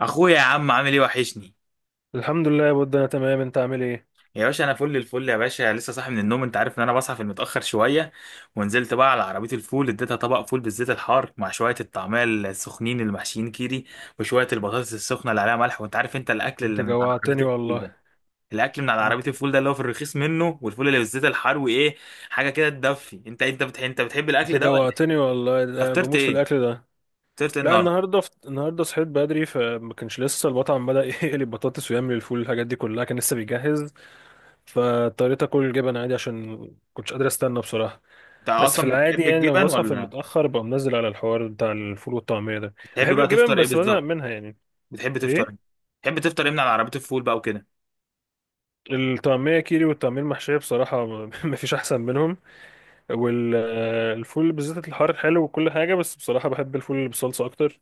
اخويا يا عم عامل ايه وحشني. الحمد لله يا بود، انا تمام. انت عامل ايه؟ يا باشا انا فل الفل يا باشا، لسه صاحي من النوم. انت عارف ان انا بصحى في المتاخر شويه، ونزلت بقى على عربيه الفول اديتها طبق فول بالزيت الحار مع شويه الطعميه السخنين المحشيين كيري وشويه البطاطس السخنه اللي عليها ملح. وانت عارف انت الاكل انت اللي من على عربيه جوعتني الفول والله. ده، الاكل من على عربيه انت الفول ده اللي هو في الرخيص منه، والفول اللي بالزيت الحار وايه، حاجه كده تدفي. انت بتحب، بتحب انت الاكل ده ولا إيه؟ جوعتني والله، أنت ده فطرت بموت في ايه؟ الاكل ده. فطرت ايه لا، النهارده؟ النهارده النهارده صحيت بدري، فما كانش لسه البطعم بدأ يقلي البطاطس ويعمل الفول، الحاجات دي كلها كان لسه بيجهز. فاضطريت اكل الجبن عادي عشان كنتش قادر استنى بصراحه. انت بس في اصلا العادي بتحب يعني لما الجبن بصحى في ولا المتأخر بقوم منزل على الحوار بتاع الفول والطعميه ده. بتحب بحب بقى الجبن تفطر ايه بس بزهق بالظبط؟ منها يعني. بتحب تفطر إيه؟ ايه. بتحب تفطر ايه من على عربية الفول بقى وكده؟ الطعميه كيري والطعميه المحشيه بصراحه مفيش احسن منهم. والفول بالزيت الحار حلو وكل حاجه، بس بصراحه بحب الفول اللي بالصلصه اكتر.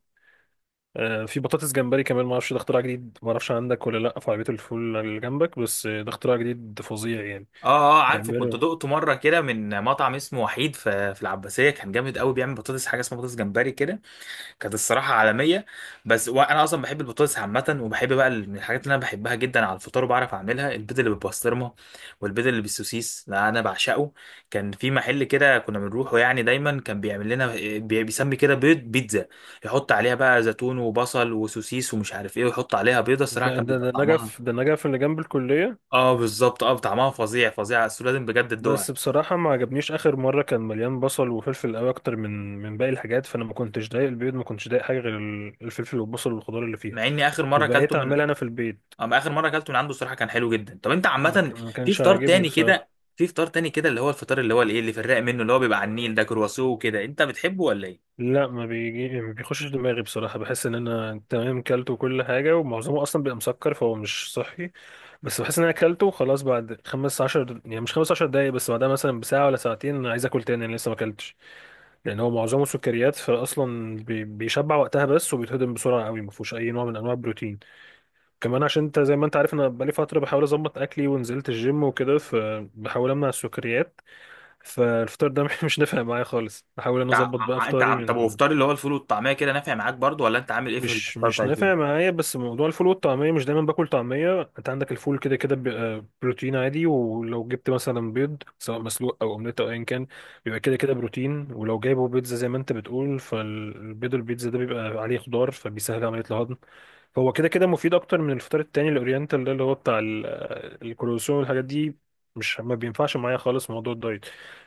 في بطاطس جمبري كمان، ما اعرفش، ده اختراع جديد. ما اعرفش عندك ولا لا في عربيه الفول اللي جنبك، بس ده اختراع جديد فظيع يعني. اه، اه عارفه، كنت بيعملوا. دقته مرة كده من مطعم اسمه وحيد في العباسية، كان جامد قوي، بيعمل بطاطس حاجة اسمها بطاطس جمبري كده. كانت الصراحة عالمية. بس وانا اصلا بحب البطاطس عامة، وبحب بقى من الحاجات اللي انا بحبها جدا على الفطار وبعرف اعملها البيض اللي بالبسطرمة والبيض اللي بالسوسيس، لا انا بعشقه. كان في محل كده كنا بنروحه يعني، دايما كان بيعمل لنا، بيسمي كده بيض بيتزا، يحط عليها بقى زيتون وبصل وسوسيس ومش عارف ايه، ويحط عليها بيضة. ده الصراحة كان ده بيبقى ده نجف، طعمها، ده نجف اللي جنب الكليه. اه بالظبط، اه طعمها فظيع فظيع، بس لازم بجد بس تدوقها. بصراحه ما عجبنيش، اخر مره كان مليان بصل وفلفل قوي اكتر من باقي الحاجات، فانا ما كنتش ضايق البيض، ما كنتش ضايق حاجه غير الفلفل والبصل والخضار اللي فيها. مع اني اخر مره فبقيت اكلته من، اعملها انا في البيت. اه ما اخر مره اكلته من عنده الصراحه كان حلو جدا. طب انت عامه ما في كانش فطار عاجبني تاني بصراحه. كده؟ في فطار تاني كده اللي هو الفطار اللي هو الايه، اللي في الرايق منه، اللي هو بيبقى على النيل ده، كرواسون وكده، انت بتحبه ولا ايه؟ لا، ما بيجي، ما بيخشش دماغي بصراحة، بحس ان انا تمام كلته كل حاجة، ومعظمه اصلا بيبقى مسكر فهو مش صحي. بس بحس ان انا كلته وخلاص، بعد خمس عشر يعني مش خمس عشر دقايق بس، بعدها مثلا بساعة ولا ساعتين انا عايز اكل تاني، انا لسه ما اكلتش. لان هو معظمه سكريات، فاصلا بيشبع وقتها بس، وبيتهضم بسرعة قوي، ما فيهوش اي نوع من انواع البروتين. كمان عشان انت زي ما انت عارف انا بقالي فترة بحاول اظبط اكلي ونزلت الجيم وكده، فبحاول امنع السكريات. فالفطار ده مش نافع معايا خالص، بحاول ان أنا انت ع... اظبط بقى ع- انت فطاري عم... طب من. وفطار اللي هو الفول والطعميه كده نافع معاك برضو، ولا انت عامل ايه في مش الفطار مش بتاع الجيم؟ نافع معايا، بس موضوع الفول والطعمية، مش دايما باكل طعمية، انت عندك الفول كده كده بيبقى بروتين عادي، ولو جبت مثلا بيض سواء مسلوق او اومليت او ايا كان بيبقى كده كده بروتين. ولو جايبه بيتزا زي ما انت بتقول، فالبيض البيتزا ده بيبقى عليه خضار فبيسهل عملية الهضم. فهو كده كده مفيد اكتر من الفطار التاني الاورينتال ده اللي هو بتاع الكروسون والحاجات دي. مش ما بينفعش معايا خالص موضوع الدايت.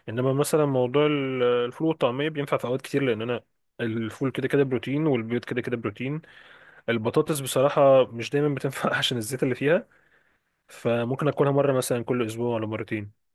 انما مثلا موضوع الفول والطعمية بينفع في اوقات كتير، لان انا الفول كده كده بروتين والبيض كده كده بروتين. البطاطس بصراحة مش دايما بتنفع عشان الزيت اللي فيها، فممكن اكلها مرة مثلا كل اسبوع ولا مرتين.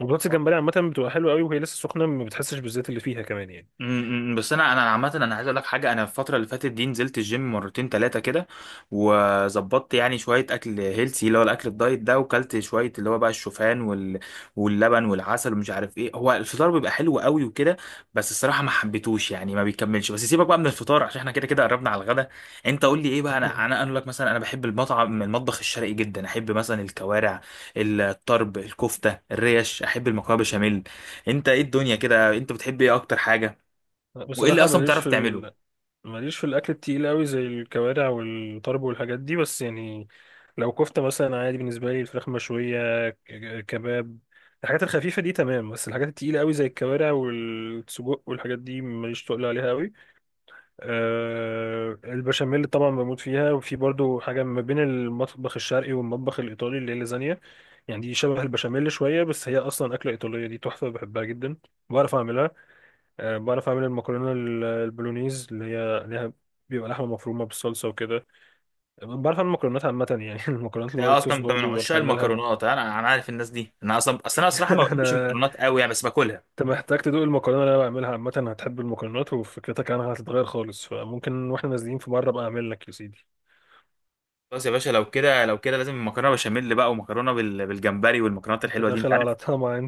البطاطس الجمبري عامة بتبقى حلوة قوي وهي لسه سخنة، ما بتحسش بالزيت اللي فيها كمان يعني. بس انا عامه انا عايز اقول لك حاجه. انا الفتره اللي فاتت دي نزلت الجيم مرتين ثلاثه كده، وظبطت يعني شويه اكل هيلسي اللي هو الاكل الدايت ده، وكلت شويه اللي هو بقى الشوفان واللبن والعسل ومش عارف ايه. هو الفطار بيبقى حلو قوي وكده، بس الصراحه ما حبيتهوش، يعني ما بيكملش. بس سيبك بقى من الفطار عشان احنا كده كده قربنا على الغدا. انت قول لي ايه بقى، انا اقول لك، مثلا انا بحب المطعم المطبخ الشرقي جدا، احب مثلا الكوارع، الطرب، الكفته، الريش، احب المكرونه بشاميل. انت ايه الدنيا كده، انت بتحب ايه اكتر حاجه؟ وايه اللي بصراحة اصلا بتعرف تعمله؟ ماليش في الأكل التقيل قوي زي الكوارع والطرب والحاجات دي، بس يعني لو كفتة مثلا عادي بالنسبة لي، الفراخ مشوية كباب، الحاجات الخفيفة دي تمام، بس الحاجات التقيلة قوي زي الكوارع والسجق والحاجات دي ماليش تقل عليها قوي. البشاميل طبعا بموت فيها، وفي برضو حاجة ما بين المطبخ الشرقي والمطبخ الإيطالي اللي هي اللازانيا، يعني دي شبه البشاميل شوية، بس هي أصلا أكلة إيطالية، دي تحفة بحبها جدا. بعرف أعملها. بعرف أعمل المكرونة البولونيز اللي هي ليها، بيبقى لحمة مفرومة بالصلصة وكده. بعرف أعمل مكرونات عامة يعني، المكرونات انت الوايت صوص اصلا انت من برضو بعرف عشاق أعملها. المكرونات، انا عارف الناس دي. انا اصلا اصل انا صراحه ما بحبش أنا المكرونات قوي يعني، بس باكلها. أنت محتاج تدوق المكرونة اللي أنا بعملها، عامة هتحب المكرونات وفكرتك عنها هتتغير خالص، فممكن وإحنا نازلين في مرة بقى أعمل لك يا سيدي. خلاص يا باشا، لو كده لو كده لازم مكرونه بشاميل بقى، ومكرونه بالجمبري، والمكرونات أنت الحلوه دي داخل انت على عارف. طمع.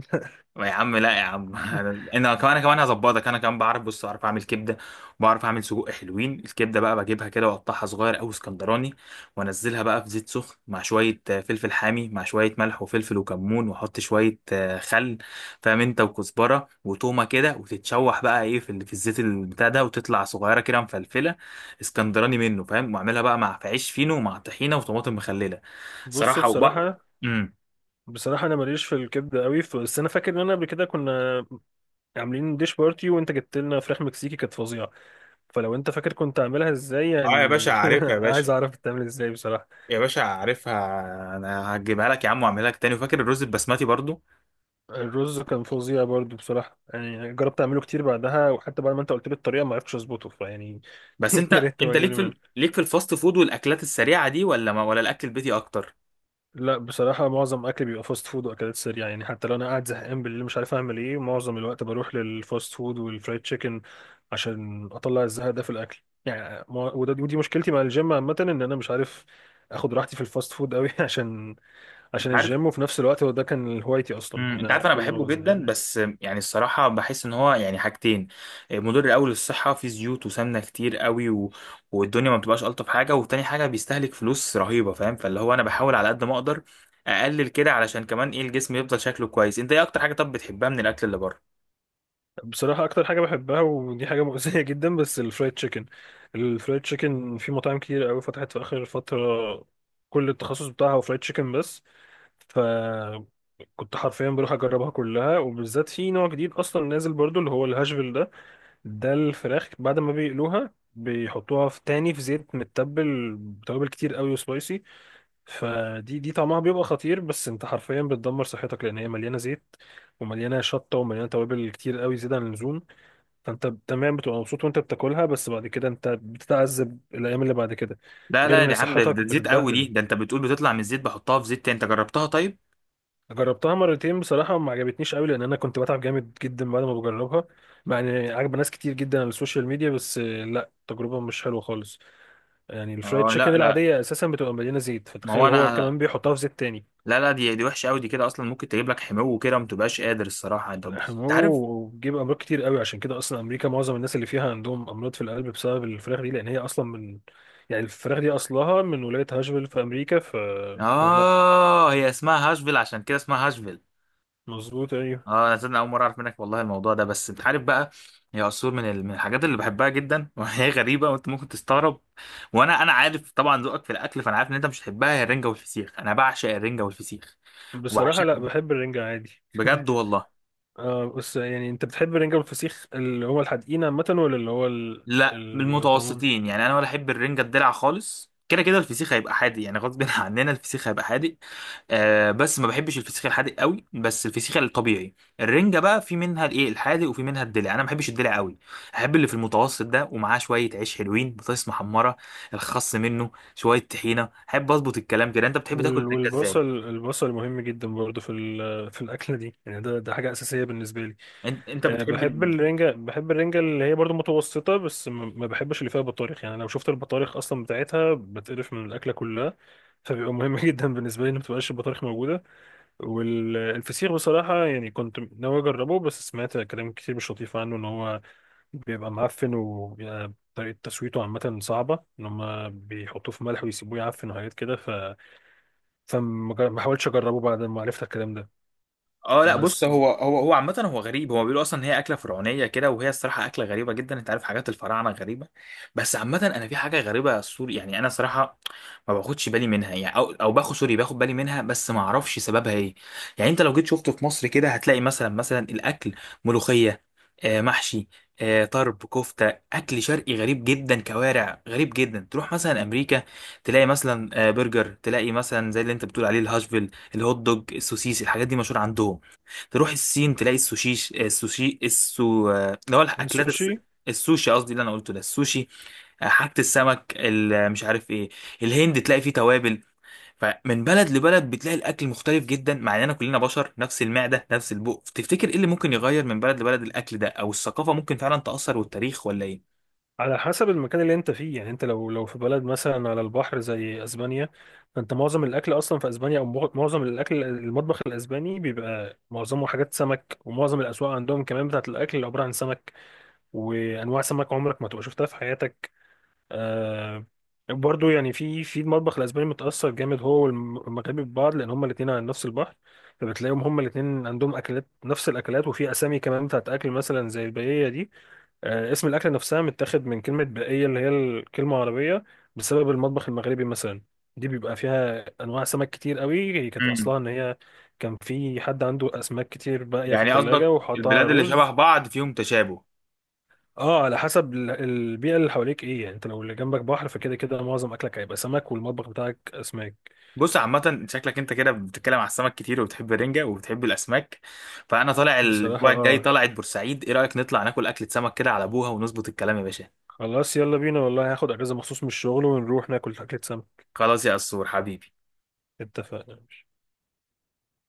يا عم، لا يا عم، انا كمان كمان هظبطك، انا كمان بعرف، بص بعرف اعمل كبده، بعرف اعمل سجق حلوين. الكبده بقى بجيبها كده واقطعها صغير او اسكندراني، وانزلها بقى في زيت سخن مع شويه آه، فلفل حامي، مع شويه ملح وفلفل وكمون، واحط شويه آه، خل، فاهم انت، وكزبره وتومه كده، وتتشوح بقى ايه في الزيت البتاع ده، وتطلع صغيره كده مفلفله اسكندراني منه، فاهم. واعملها بقى مع في عيش فينو ومع طحينه وطماطم مخلله بص، صراحه. وبقى بصراحة امم بصراحة أنا ماليش في الكبدة قوي، بس أنا فاكر إن أنا قبل كده كنا عاملين ديش بارتي وأنت جبت لنا فراخ مكسيكي كانت فظيعة. فلو أنت فاكر كنت عاملها إزاي اه يا باشا يعني، عارفها يا باشا، عايز أعرف بتعمل إزاي بصراحة. يا باشا عارفها، انا هجيبها لك يا عم واعملها لك تاني. وفاكر الرز البسمتي برضو. الرز كان فظيع برضو بصراحة، يعني جربت أعمله كتير بعدها، وحتى بعد ما أنت قلت لي الطريقة ما عرفتش أظبطه، فيعني بس يا انت ريت تبقى انت تجيب ليك لي منه. ليك في الفاست فود والاكلات السريعه دي، ولا ما... ولا الاكل البيتي اكتر؟ لا بصراحة معظم أكلي بيبقى فاست فود وأكلات سريعة يعني، حتى لو أنا قاعد زهقان بالليل مش عارف أعمل إيه، معظم الوقت بروح للفاست فود والفرايد تشيكن عشان أطلع الزهق ده في الأكل يعني. وده ودي مشكلتي مع الجيم عامة، إن أنا مش عارف آخد راحتي في الفاست فود أوي عشان انت عارف، الجيم، وفي نفس الوقت هو ده كان هوايتي أصلا إن انت عارف أنا انا كل ما بحبه ببقى جدا، زهقان. بس يعني الصراحه بحس ان هو يعني حاجتين، مضر قوي للصحه، فيه زيوت وسمنه كتير قوي، و... والدنيا ما بتبقاش الطف حاجه. وتاني حاجه، بيستهلك فلوس رهيبه، فاهم. فاللي هو انا بحاول على قد ما اقدر اقلل كده، علشان كمان ايه، الجسم يفضل شكله كويس. انت ايه اكتر حاجه طب بتحبها من الاكل اللي بره؟ بصراحة أكتر حاجة بحبها ودي حاجة مؤذية جدا، بس الفرايد تشيكن. الفرايد تشيكن في مطاعم كتير أوي فتحت في آخر فترة، كل التخصص بتاعها هو فرايد تشيكن بس. فكنت حرفيا بروح اجربها كلها، وبالذات في نوع جديد اصلا نازل برضو اللي هو الهاشفيل ده. ده الفراخ بعد ما بيقلوها بيحطوها في تاني في زيت متبل بتوابل كتير قوي وسبايسي، فدي طعمها بيبقى خطير. بس انت حرفيا بتدمر صحتك، لان هي مليانه زيت، ومليانه شطه ومليانه توابل كتير قوي زياده عن اللزوم. فانت تمام بتبقى مبسوط وانت بتاكلها، بس بعد كده انت بتتعذب الايام اللي بعد كده، لا غير لا، دي ان عامله ده صحتك ده زيت قوي، دي بتتبهدل. ده انت بتقول بتطلع من الزيت بحطها في زيت تاني؟ انت جربتها طيب؟ جربتها مرتين بصراحة ما عجبتنيش قوي، لأن أنا كنت بتعب جامد جدا بعد ما بجربها. مع إن عجب ناس كتير جدا على السوشيال ميديا، بس لا، تجربة مش حلوة خالص. يعني الفرايد اه تشيكن لا لا، العادية أساسا بتبقى مليانة زيت، ما هو فتخيل هو كمان انا، بيحطها في زيت تاني. لا لا، دي وحشه قوي دي، كده اصلا ممكن تجيب لك حمو كده ما تبقاش قادر الصراحه. انت بص، انت عارف، أوه، بيجيب أمراض كتير قوي، عشان كده أصلا أمريكا معظم الناس اللي فيها عندهم أمراض في القلب بسبب الفراخ دي، لأن هي أصلا من، يعني الفراخ دي أصلها من ولاية هاشفيل في أمريكا ف. لا. اه هي اسمها هاشفيل، عشان كده اسمها هاشفيل. مظبوط، أيوه. اه انا صدق اول مره اعرف منك والله الموضوع ده. بس انت عارف بقى، هي عصفور من الحاجات اللي بحبها جدا، وهي غريبه وانت ممكن تستغرب. وانا عارف طبعا ذوقك في الاكل، فانا عارف ان انت مش هتحبها. هي الرنجه والفسيخ، انا بعشق الرنجه والفسيخ بصراحة، لا، وبعشقهم بحب الرنجة عادي. بجد والله. آه، بس يعني انت بتحب الرنجة والفسيخ اللي هو الحدقين عامة ولا اللي هو لا اللي من بيبقى طعمهم. المتوسطين يعني، انا ولا احب الرنجه الدلع خالص. كده كده الفسيخ هيبقى حادق يعني، غصب عننا الفسيخ هيبقى حادق. آه بس ما بحبش الفسيخ الحادق قوي، بس الفسيخ الطبيعي. الرنجه بقى في منها الايه الحادق، وفي منها الدلع، انا ما بحبش الدلع قوي، احب اللي في المتوسط ده، ومعاه شويه عيش حلوين، بطاطس محمره، الخس، منه شويه طحينه، احب اظبط الكلام كده. انت بتحب تاكل الرنجه ازاي؟ والبصل، البصل مهم جدا برضه في في الأكلة دي، يعني ده حاجة أساسية بالنسبة لي. انت أه، بتحب، بحب الرنجة، بحب الرنجة اللي هي برضه متوسطة، بس ما بحبش اللي فيها بطارخ. يعني لو شفت البطارخ أصلا بتاعتها بتقرف من الأكلة كلها، فبيبقى مهم جدا بالنسبة لي إن ما تبقاش البطارخ موجودة. والفسيخ بصراحة يعني كنت ناوي أجربه، بس سمعت كلام كتير مش لطيف عنه، إن هو بيبقى معفن وطريقة تسويته عامة صعبة، إن هما بيحطوه في ملح ويسيبوه يعفن وحاجات كده ف... ما حاولتش أجربه بعد ما عرفت الكلام ده. اه لا بص، بس. هو عامة هو غريب، هو بيقولوا اصلا ان هي اكلة فرعونية كده، وهي الصراحة اكلة غريبة جدا. انت عارف حاجات الفراعنة غريبة، بس عامة انا في حاجة غريبة، سوري يعني، انا صراحة ما باخدش بالي منها يعني، او باخد، سوري، باخد بالي منها بس ما اعرفش سببها ايه. يعني انت لو جيت شفته في مصر كده هتلاقي مثلا، الاكل، ملوخية، آه محشي، آه طرب، كفتة، اكل شرقي غريب جدا، كوارع غريب جدا. تروح مثلا امريكا تلاقي مثلا آه برجر، تلاقي مثلا زي اللي انت بتقول عليه الهاشفيل، الهوت دوج، السوسيس، الحاجات دي مشهورة عندهم. تروح الصين تلاقي السوشيش، آه، السوشي، السو آه، اللي هو الأكلات السوشي. الس... السوشي قصدي اللي أنا قلته ده، السوشي، آه، حاجة السمك، مش عارف إيه. الهند تلاقي فيه توابل. فمن بلد لبلد بتلاقي الأكل مختلف جدا، مع إننا كلنا بشر، نفس المعدة نفس البق. تفتكر إيه اللي ممكن يغير من بلد لبلد الأكل ده؟ أو الثقافة ممكن فعلا تأثر والتاريخ ولا إيه؟ على حسب المكان اللي أنت فيه يعني، أنت لو في بلد مثلا على البحر زي أسبانيا، فأنت معظم الأكل أصلا في أسبانيا أو معظم الأكل المطبخ الأسباني بيبقى معظمه حاجات سمك، ومعظم الأسواق عندهم كمان بتاعة الأكل عبارة عن سمك، وأنواع سمك عمرك ما تبقى شفتها في حياتك. آه. برضو يعني في المطبخ الاسباني متاثر جامد هو والمغربي ببعض، لان هما الاثنين على نفس البحر. فبتلاقيهم هما الاثنين عندهم اكلات نفس الاكلات، وفي اسامي كمان بتاعت اكل مثلا زي الباقيه دي. اسم الاكله نفسها متاخد من كلمه باقيه اللي هي الكلمه عربيه، بسبب المطبخ المغربي مثلا. دي بيبقى فيها انواع سمك كتير قوي، هي كانت مم. اصلها ان هي كان في حد عنده اسماك كتير باقيه في يعني التلاجة قصدك وحطها البلاد اللي شبه رز. بعض فيهم تشابه؟ اه، على حسب البيئة اللي حواليك ايه يعني، انت لو اللي جنبك بحر فكده كده معظم اكلك هيبقى سمك والمطبخ بتاعك اسماك. بص عامة شكلك انت كده بتتكلم على السمك كتير، وبتحب الرنجة وبتحب الأسماك. فأنا طالع بصراحة الأسبوع الجاي، اه، طلعت بورسعيد، إيه رأيك نطلع ناكل أكلة سمك كده على أبوها ونظبط الكلام يا باشا؟ خلاص يلا بينا والله، هاخد اجازة مخصوص من الشغل ونروح ناكل اكلة سمك. خلاص يا قصور حبيبي. اتفقنا.